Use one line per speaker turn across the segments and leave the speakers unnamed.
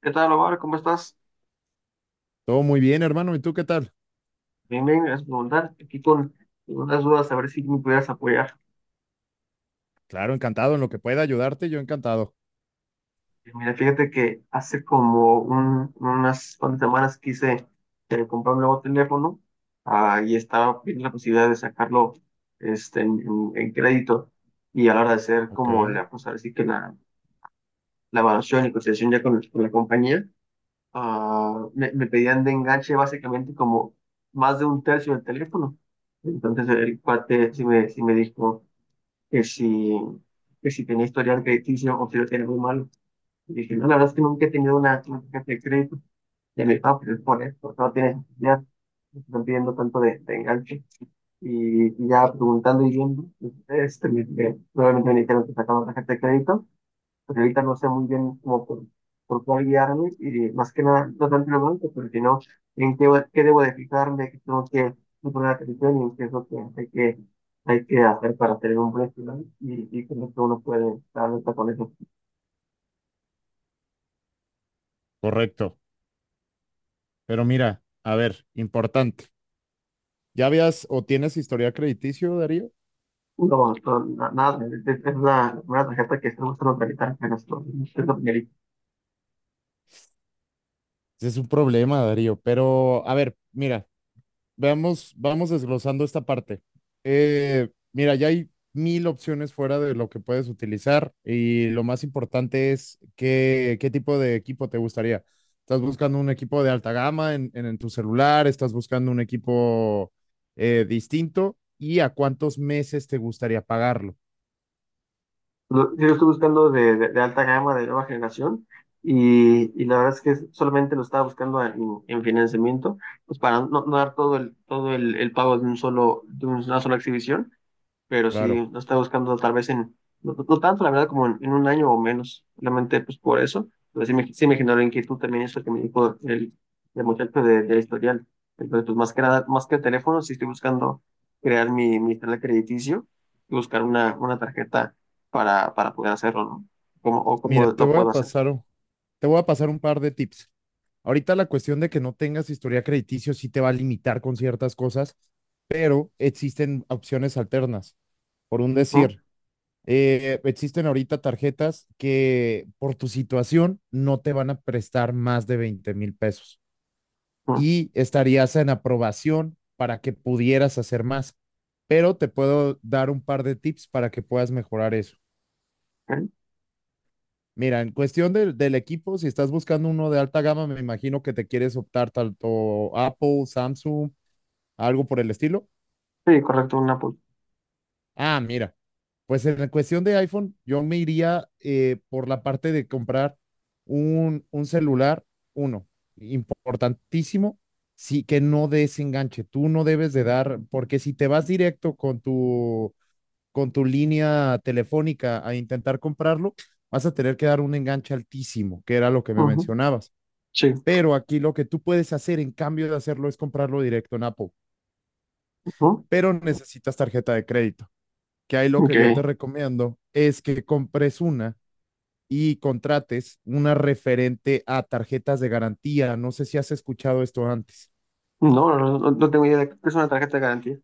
¿Qué tal, Omar? ¿Cómo estás?
Todo muy bien, hermano. ¿Y tú qué tal?
Bien, bien, gracias por preguntar. Aquí con unas dudas, a ver si me pudieras apoyar.
Claro, encantado. En lo que pueda ayudarte, yo encantado.
Mira, fíjate que hace como unas cuantas semanas quise comprar un nuevo teléfono, y estaba viendo la posibilidad de sacarlo, este, en crédito, y a la hora de hacer
Ok,
como la, pues ahora sí que la evaluación y cotización ya con la compañía, me pedían de enganche básicamente como más de un tercio del teléfono. Entonces el cuate sí me dijo que si, que si tenía historial crediticio o si lo tenía muy mal. Y dije, no, la verdad es que nunca he tenido una tarjeta de crédito de mi papá, pero es por esto, no tienes ya, no te están pidiendo tanto de enganche. Y ya preguntando y viendo, este, nuevamente me dijeron que sacaba tarjeta de crédito, pero ahorita no sé muy bien cómo por cuál guiarme, y más que nada, no tanto en el banco, pero sino en qué debo de fijarme, qué tengo que poner atención y en qué es lo que hay que hacer para tener un buen plan. Y creo que uno puede estar alerta con eso.
correcto. Pero mira, a ver, importante. ¿Ya habías o tienes historial crediticio, Darío?
No, no, nada, es la primera tarjeta que estamos tratando de realizar, pero esto es lo que...
Ese es un problema, Darío. Pero, a ver, mira. Veamos, vamos desglosando esta parte. Mira, ya hay mil opciones fuera de lo que puedes utilizar y lo más importante es qué, qué tipo de equipo te gustaría. ¿Estás buscando un equipo de alta gama en tu celular? ¿Estás buscando un equipo distinto? ¿Y a cuántos meses te gustaría pagarlo?
Yo lo estoy buscando de, de alta gama, de nueva generación, y la verdad es que solamente lo estaba buscando en financiamiento, pues para no, no dar todo el pago de un solo, de una sola exhibición, pero sí
Claro.
lo está buscando tal vez en... no, no tanto la verdad, como en un año o menos, solamente pues por eso. Pero sí me generó inquietud también eso que me dijo el muchacho de, del historial. Entonces, pues más que nada, más que el teléfono, sí estoy buscando crear mi historial crediticio y buscar una tarjeta para poder hacerlo, ¿no? Como, o cómo
Mira,
lo puedo hacer.
te voy a pasar un par de tips. Ahorita la cuestión de que no tengas historia crediticio sí te va a limitar con ciertas cosas, existen opciones alternas. Por un
¿No?
decir, existen ahorita tarjetas que por tu situación no te van a prestar más de 20,000 pesos
¿No?
y estarías en aprobación para que pudieras hacer más. Pero te puedo dar un par de tips para que puedas mejorar eso.
Ok.
Mira, en cuestión del equipo, si estás buscando uno de alta gama, me imagino que te quieres optar tanto Apple, Samsung, algo por el estilo.
Sí, correcto, una Apple.
Ah, mira. Pues en la cuestión de iPhone, yo me iría por la parte de comprar un celular, uno, importantísimo, sí, que no desenganche. Tú no debes de dar, porque si te vas directo con tu línea telefónica a intentar comprarlo, vas a tener que dar un enganche altísimo, que era lo que me
Ujú.
mencionabas.
Sí,
Pero aquí lo que tú puedes hacer en cambio de hacerlo es comprarlo directo en Apple,
ujú.
pero necesitas tarjeta de crédito que ahí lo que
Ok.
yo te recomiendo es que compres una y contrates una referente a tarjetas de garantía. No sé si has escuchado esto antes.
No, no, no, no tengo idea de qué es una tarjeta de garantía.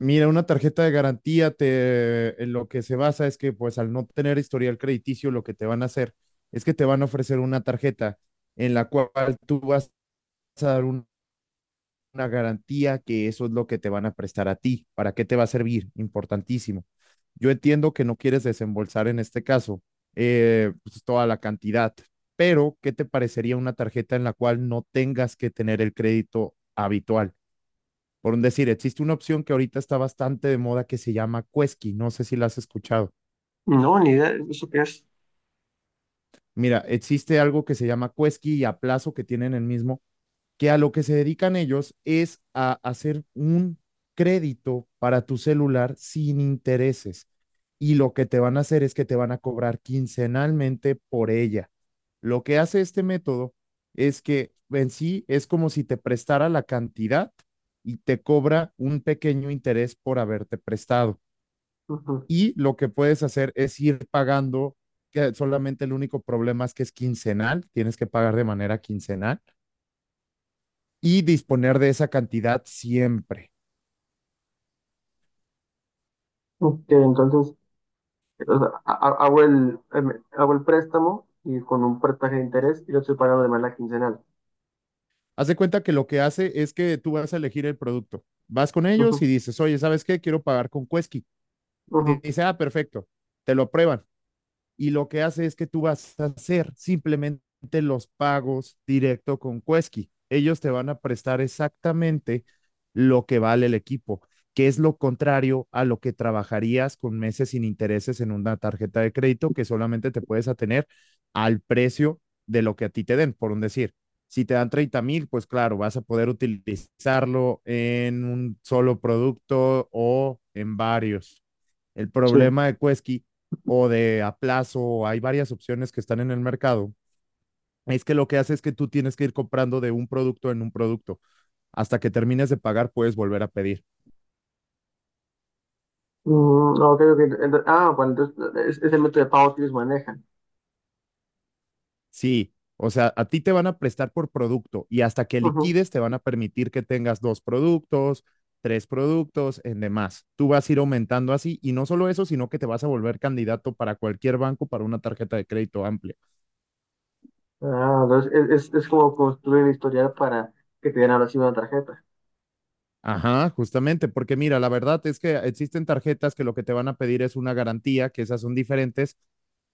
Mira, una tarjeta de garantía te, en lo que se basa es que pues al no tener historial crediticio, lo que te van a hacer es que te van a ofrecer una tarjeta en la cual tú vas a dar una garantía que eso es lo que te van a prestar a ti. ¿Para qué te va a servir? Importantísimo. Yo entiendo que no quieres desembolsar en este caso pues, toda la cantidad, pero ¿qué te parecería una tarjeta en la cual no tengas que tener el crédito habitual? Por un decir, existe una opción que ahorita está bastante de moda que se llama Quesky, no sé si la has escuchado.
No, ni idea de eso qué es.
Mira, existe algo que se llama Quesky y Aplazo que tienen el mismo, que a lo que se dedican ellos es a hacer un crédito para tu celular sin intereses. Y lo que te van a hacer es que te van a cobrar quincenalmente por ella. Lo que hace este método es que en sí es como si te prestara la cantidad y te cobra un pequeño interés por haberte prestado.
Ujú.
Y lo que puedes hacer es ir pagando, que solamente el único problema es que es quincenal, tienes que pagar de manera quincenal y disponer de esa cantidad siempre.
Ok, entonces, o sea, hago el, em, hago el préstamo y con un porcentaje de interés, y lo estoy pagando de manera quincenal.
Haz de cuenta que lo que hace es que tú vas a elegir el producto. Vas con ellos y
Ujú,
dices, oye, ¿sabes qué? Quiero pagar con Quesky. Y te
ujú.
dice, ah, perfecto, te lo aprueban. Y lo que hace es que tú vas a hacer simplemente los pagos directo con Cuesqui. Ellos te van a prestar exactamente lo que vale el equipo, que es lo contrario a lo que trabajarías con meses sin intereses en una tarjeta de crédito que solamente te puedes atener al precio de lo que a ti te den, por un decir. Si te dan 30,000, pues claro, vas a poder utilizarlo en un solo producto o en varios. El
Sí.
problema de Quesky o de Aplazo, hay varias opciones que están en el mercado, es que lo que hace es que tú tienes que ir comprando de un producto en un producto. Hasta que termines de pagar, puedes volver a pedir.
Mm, ok, ok. Bueno, entonces es el método de pago que ellos manejan.
Sí, o sea, a ti te van a prestar por producto y hasta que
Ujú.
liquides te van a permitir que tengas dos productos, tres productos, en demás. Tú vas a ir aumentando así y no solo eso, sino que te vas a volver candidato para cualquier banco para una tarjeta de crédito amplia.
Ah, entonces es, es como construir el historial para que te den ahora sí una tarjeta.
Ajá, justamente, porque mira, la verdad es que existen tarjetas que lo que te van a pedir es una garantía, que esas son diferentes,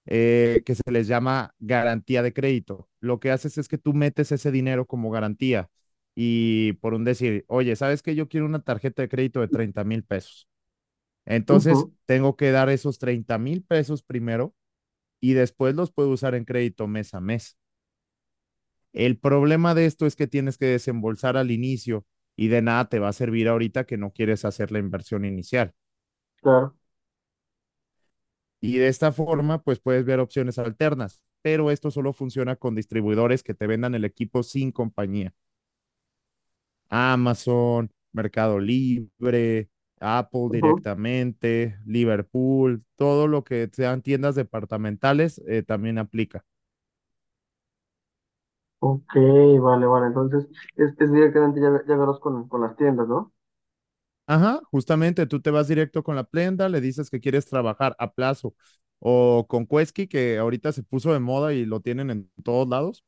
que se les llama garantía de crédito. Lo que haces es que tú metes ese dinero como garantía y por un decir, oye, ¿sabes que yo quiero una tarjeta de crédito de 30,000 pesos?
Ujú,
Entonces, tengo que dar esos 30,000 pesos primero y después los puedo usar en crédito mes a mes. El problema de esto es que tienes que desembolsar al inicio y de nada te va a servir ahorita que no quieres hacer la inversión inicial.
claro.
Y de esta forma, pues puedes ver opciones alternas, pero esto solo funciona con distribuidores que te vendan el equipo sin compañía. Amazon, Mercado Libre, Apple
Ujú.
directamente, Liverpool, todo lo que sean tiendas departamentales también aplica.
Ok, vale, vale. Entonces es directamente ya, ya verlos con las tiendas, ¿no?
Ajá, justamente tú te vas directo con la prenda, le dices que quieres trabajar a plazo o con Quesky, que ahorita se puso de moda y lo tienen en todos lados.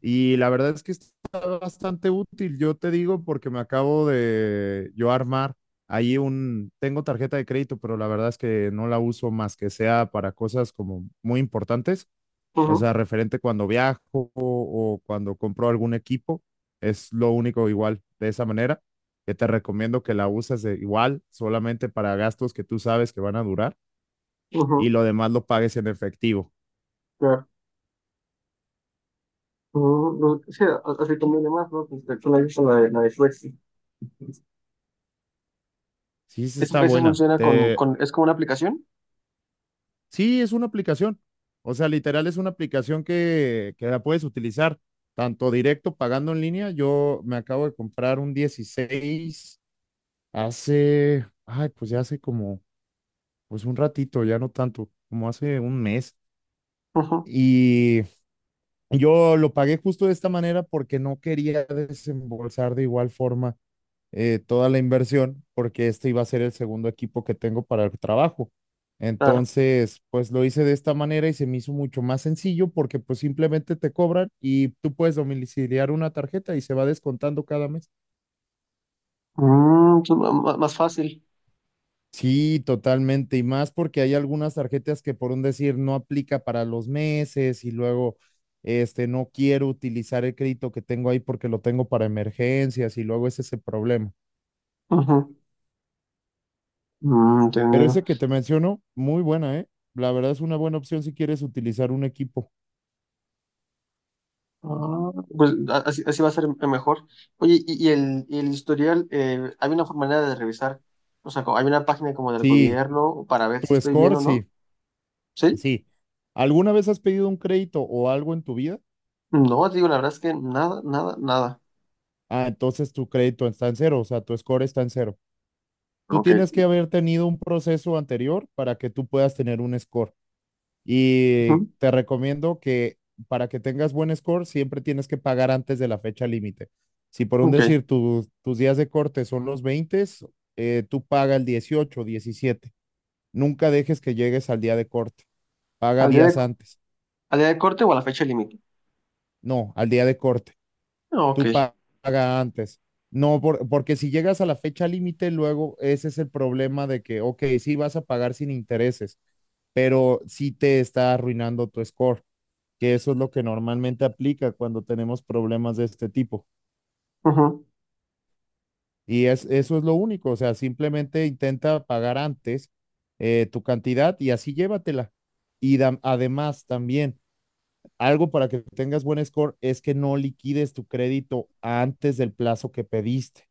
Y la verdad es que está bastante útil, yo te digo, porque me acabo de yo armar ahí un, tengo tarjeta de crédito, pero la verdad es que no la uso más que sea para cosas como muy importantes. O
Ujú,
sea, referente cuando viajo o cuando compro algún equipo, es lo único igual de esa manera, que te recomiendo que la uses de igual, solamente para gastos que tú sabes que van a durar y
ujú,
lo demás lo pagues en efectivo.
claro. Mm, no, sí, así conviene más, ¿no? Pues, de hecho, no he visto la de Flexi.
Sí, sí
¿Eso,
está
eso
buena.
funciona
Te.
es como una aplicación?
Sí, es una aplicación. O sea, literal es una aplicación que la puedes utilizar tanto directo pagando en línea. Yo me acabo de comprar un 16 hace, ay, pues ya hace como pues un ratito, ya no tanto, como hace un mes.
Ujú,
Y yo lo pagué justo de esta manera porque no quería desembolsar de igual forma toda la inversión, porque este iba a ser el segundo equipo que tengo para el trabajo.
claro.
Entonces, pues lo hice de esta manera y se me hizo mucho más sencillo porque pues simplemente te cobran y tú puedes domiciliar una tarjeta y se va descontando cada mes.
Mm, sí, más fácil.
Sí, totalmente. Y más porque hay algunas tarjetas que por un decir no aplica para los meses y luego no quiero utilizar el crédito que tengo ahí porque lo tengo para emergencias y luego ese es el problema.
Ujú. Mm,
Pero
entendido.
ese que te menciono, muy buena, ¿eh? La verdad es una buena opción si quieres utilizar un equipo.
Ah, pues así, así va a ser mejor. Oye, y el historial, ¿hay una forma manera de revisar? O sea, ¿hay una página como del
Sí,
gobierno para ver si
tu
estoy bien
score,
o no?
sí,
¿Sí?
sí. ¿Alguna vez has pedido un crédito o algo en tu vida?
No, te digo, la verdad es que nada, nada, nada.
Ah, entonces tu crédito está en cero, o sea, tu score está en cero. Tú
Ok.
tienes que haber tenido un proceso anterior para que tú puedas tener un score. Y
Ujú.
te recomiendo que para que tengas buen score, siempre tienes que pagar antes de la fecha límite. Si por un
Ok.
decir tus días de corte son los 20, tú paga el 18, 17. Nunca dejes que llegues al día de corte. Paga
¿Al día de,
días antes.
al día de corte o a la fecha límite?
No, al día de corte.
Ok.
Tú paga antes. No, porque si llegas a la fecha límite, luego ese es el problema de que, ok, sí vas a pagar sin intereses, pero sí te está arruinando tu score. Que eso es lo que normalmente aplica cuando tenemos problemas de este tipo.
Ujú.
Y es, eso es lo único, o sea, simplemente intenta pagar antes tu cantidad y así llévatela. Y además también, algo para que tengas buen score es que no liquides tu crédito antes del plazo que pediste.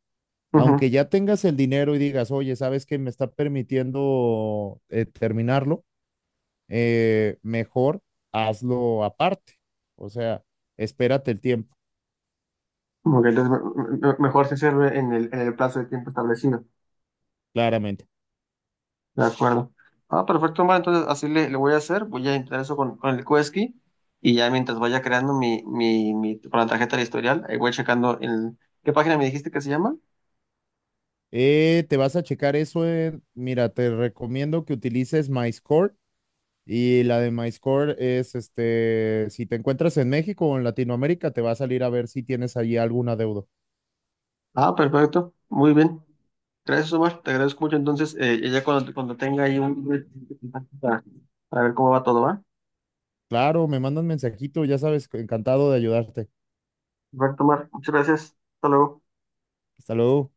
Ujú.
Aunque ya tengas el dinero y digas, oye, ¿sabes que me está permitiendo terminarlo? Mejor hazlo aparte. O sea, espérate el tiempo,
Ok, entonces mejor se sirve en el plazo de tiempo establecido.
claramente.
De acuerdo. Ah, perfecto, Omar. Entonces así le, le voy a hacer. Voy a entrar eso con el Quesky, y ya mientras vaya creando mi, con la tarjeta de historial, ahí voy checando el... ¿Qué página me dijiste que se llama?
Te vas a checar eso. Mira, te recomiendo que utilices MyScore. Y la de MyScore es, si te encuentras en México o en Latinoamérica, te va a salir a ver si tienes allí algún adeudo.
Ah, perfecto. Muy bien. Gracias, Omar. Te agradezco mucho. Entonces, ya cuando, cuando tenga ahí un... para para ver cómo va todo, ¿va?
Claro, me mandan mensajito, ya sabes, encantado de ayudarte.
Perfecto, Omar. Muchas gracias. Hasta luego.
Hasta luego.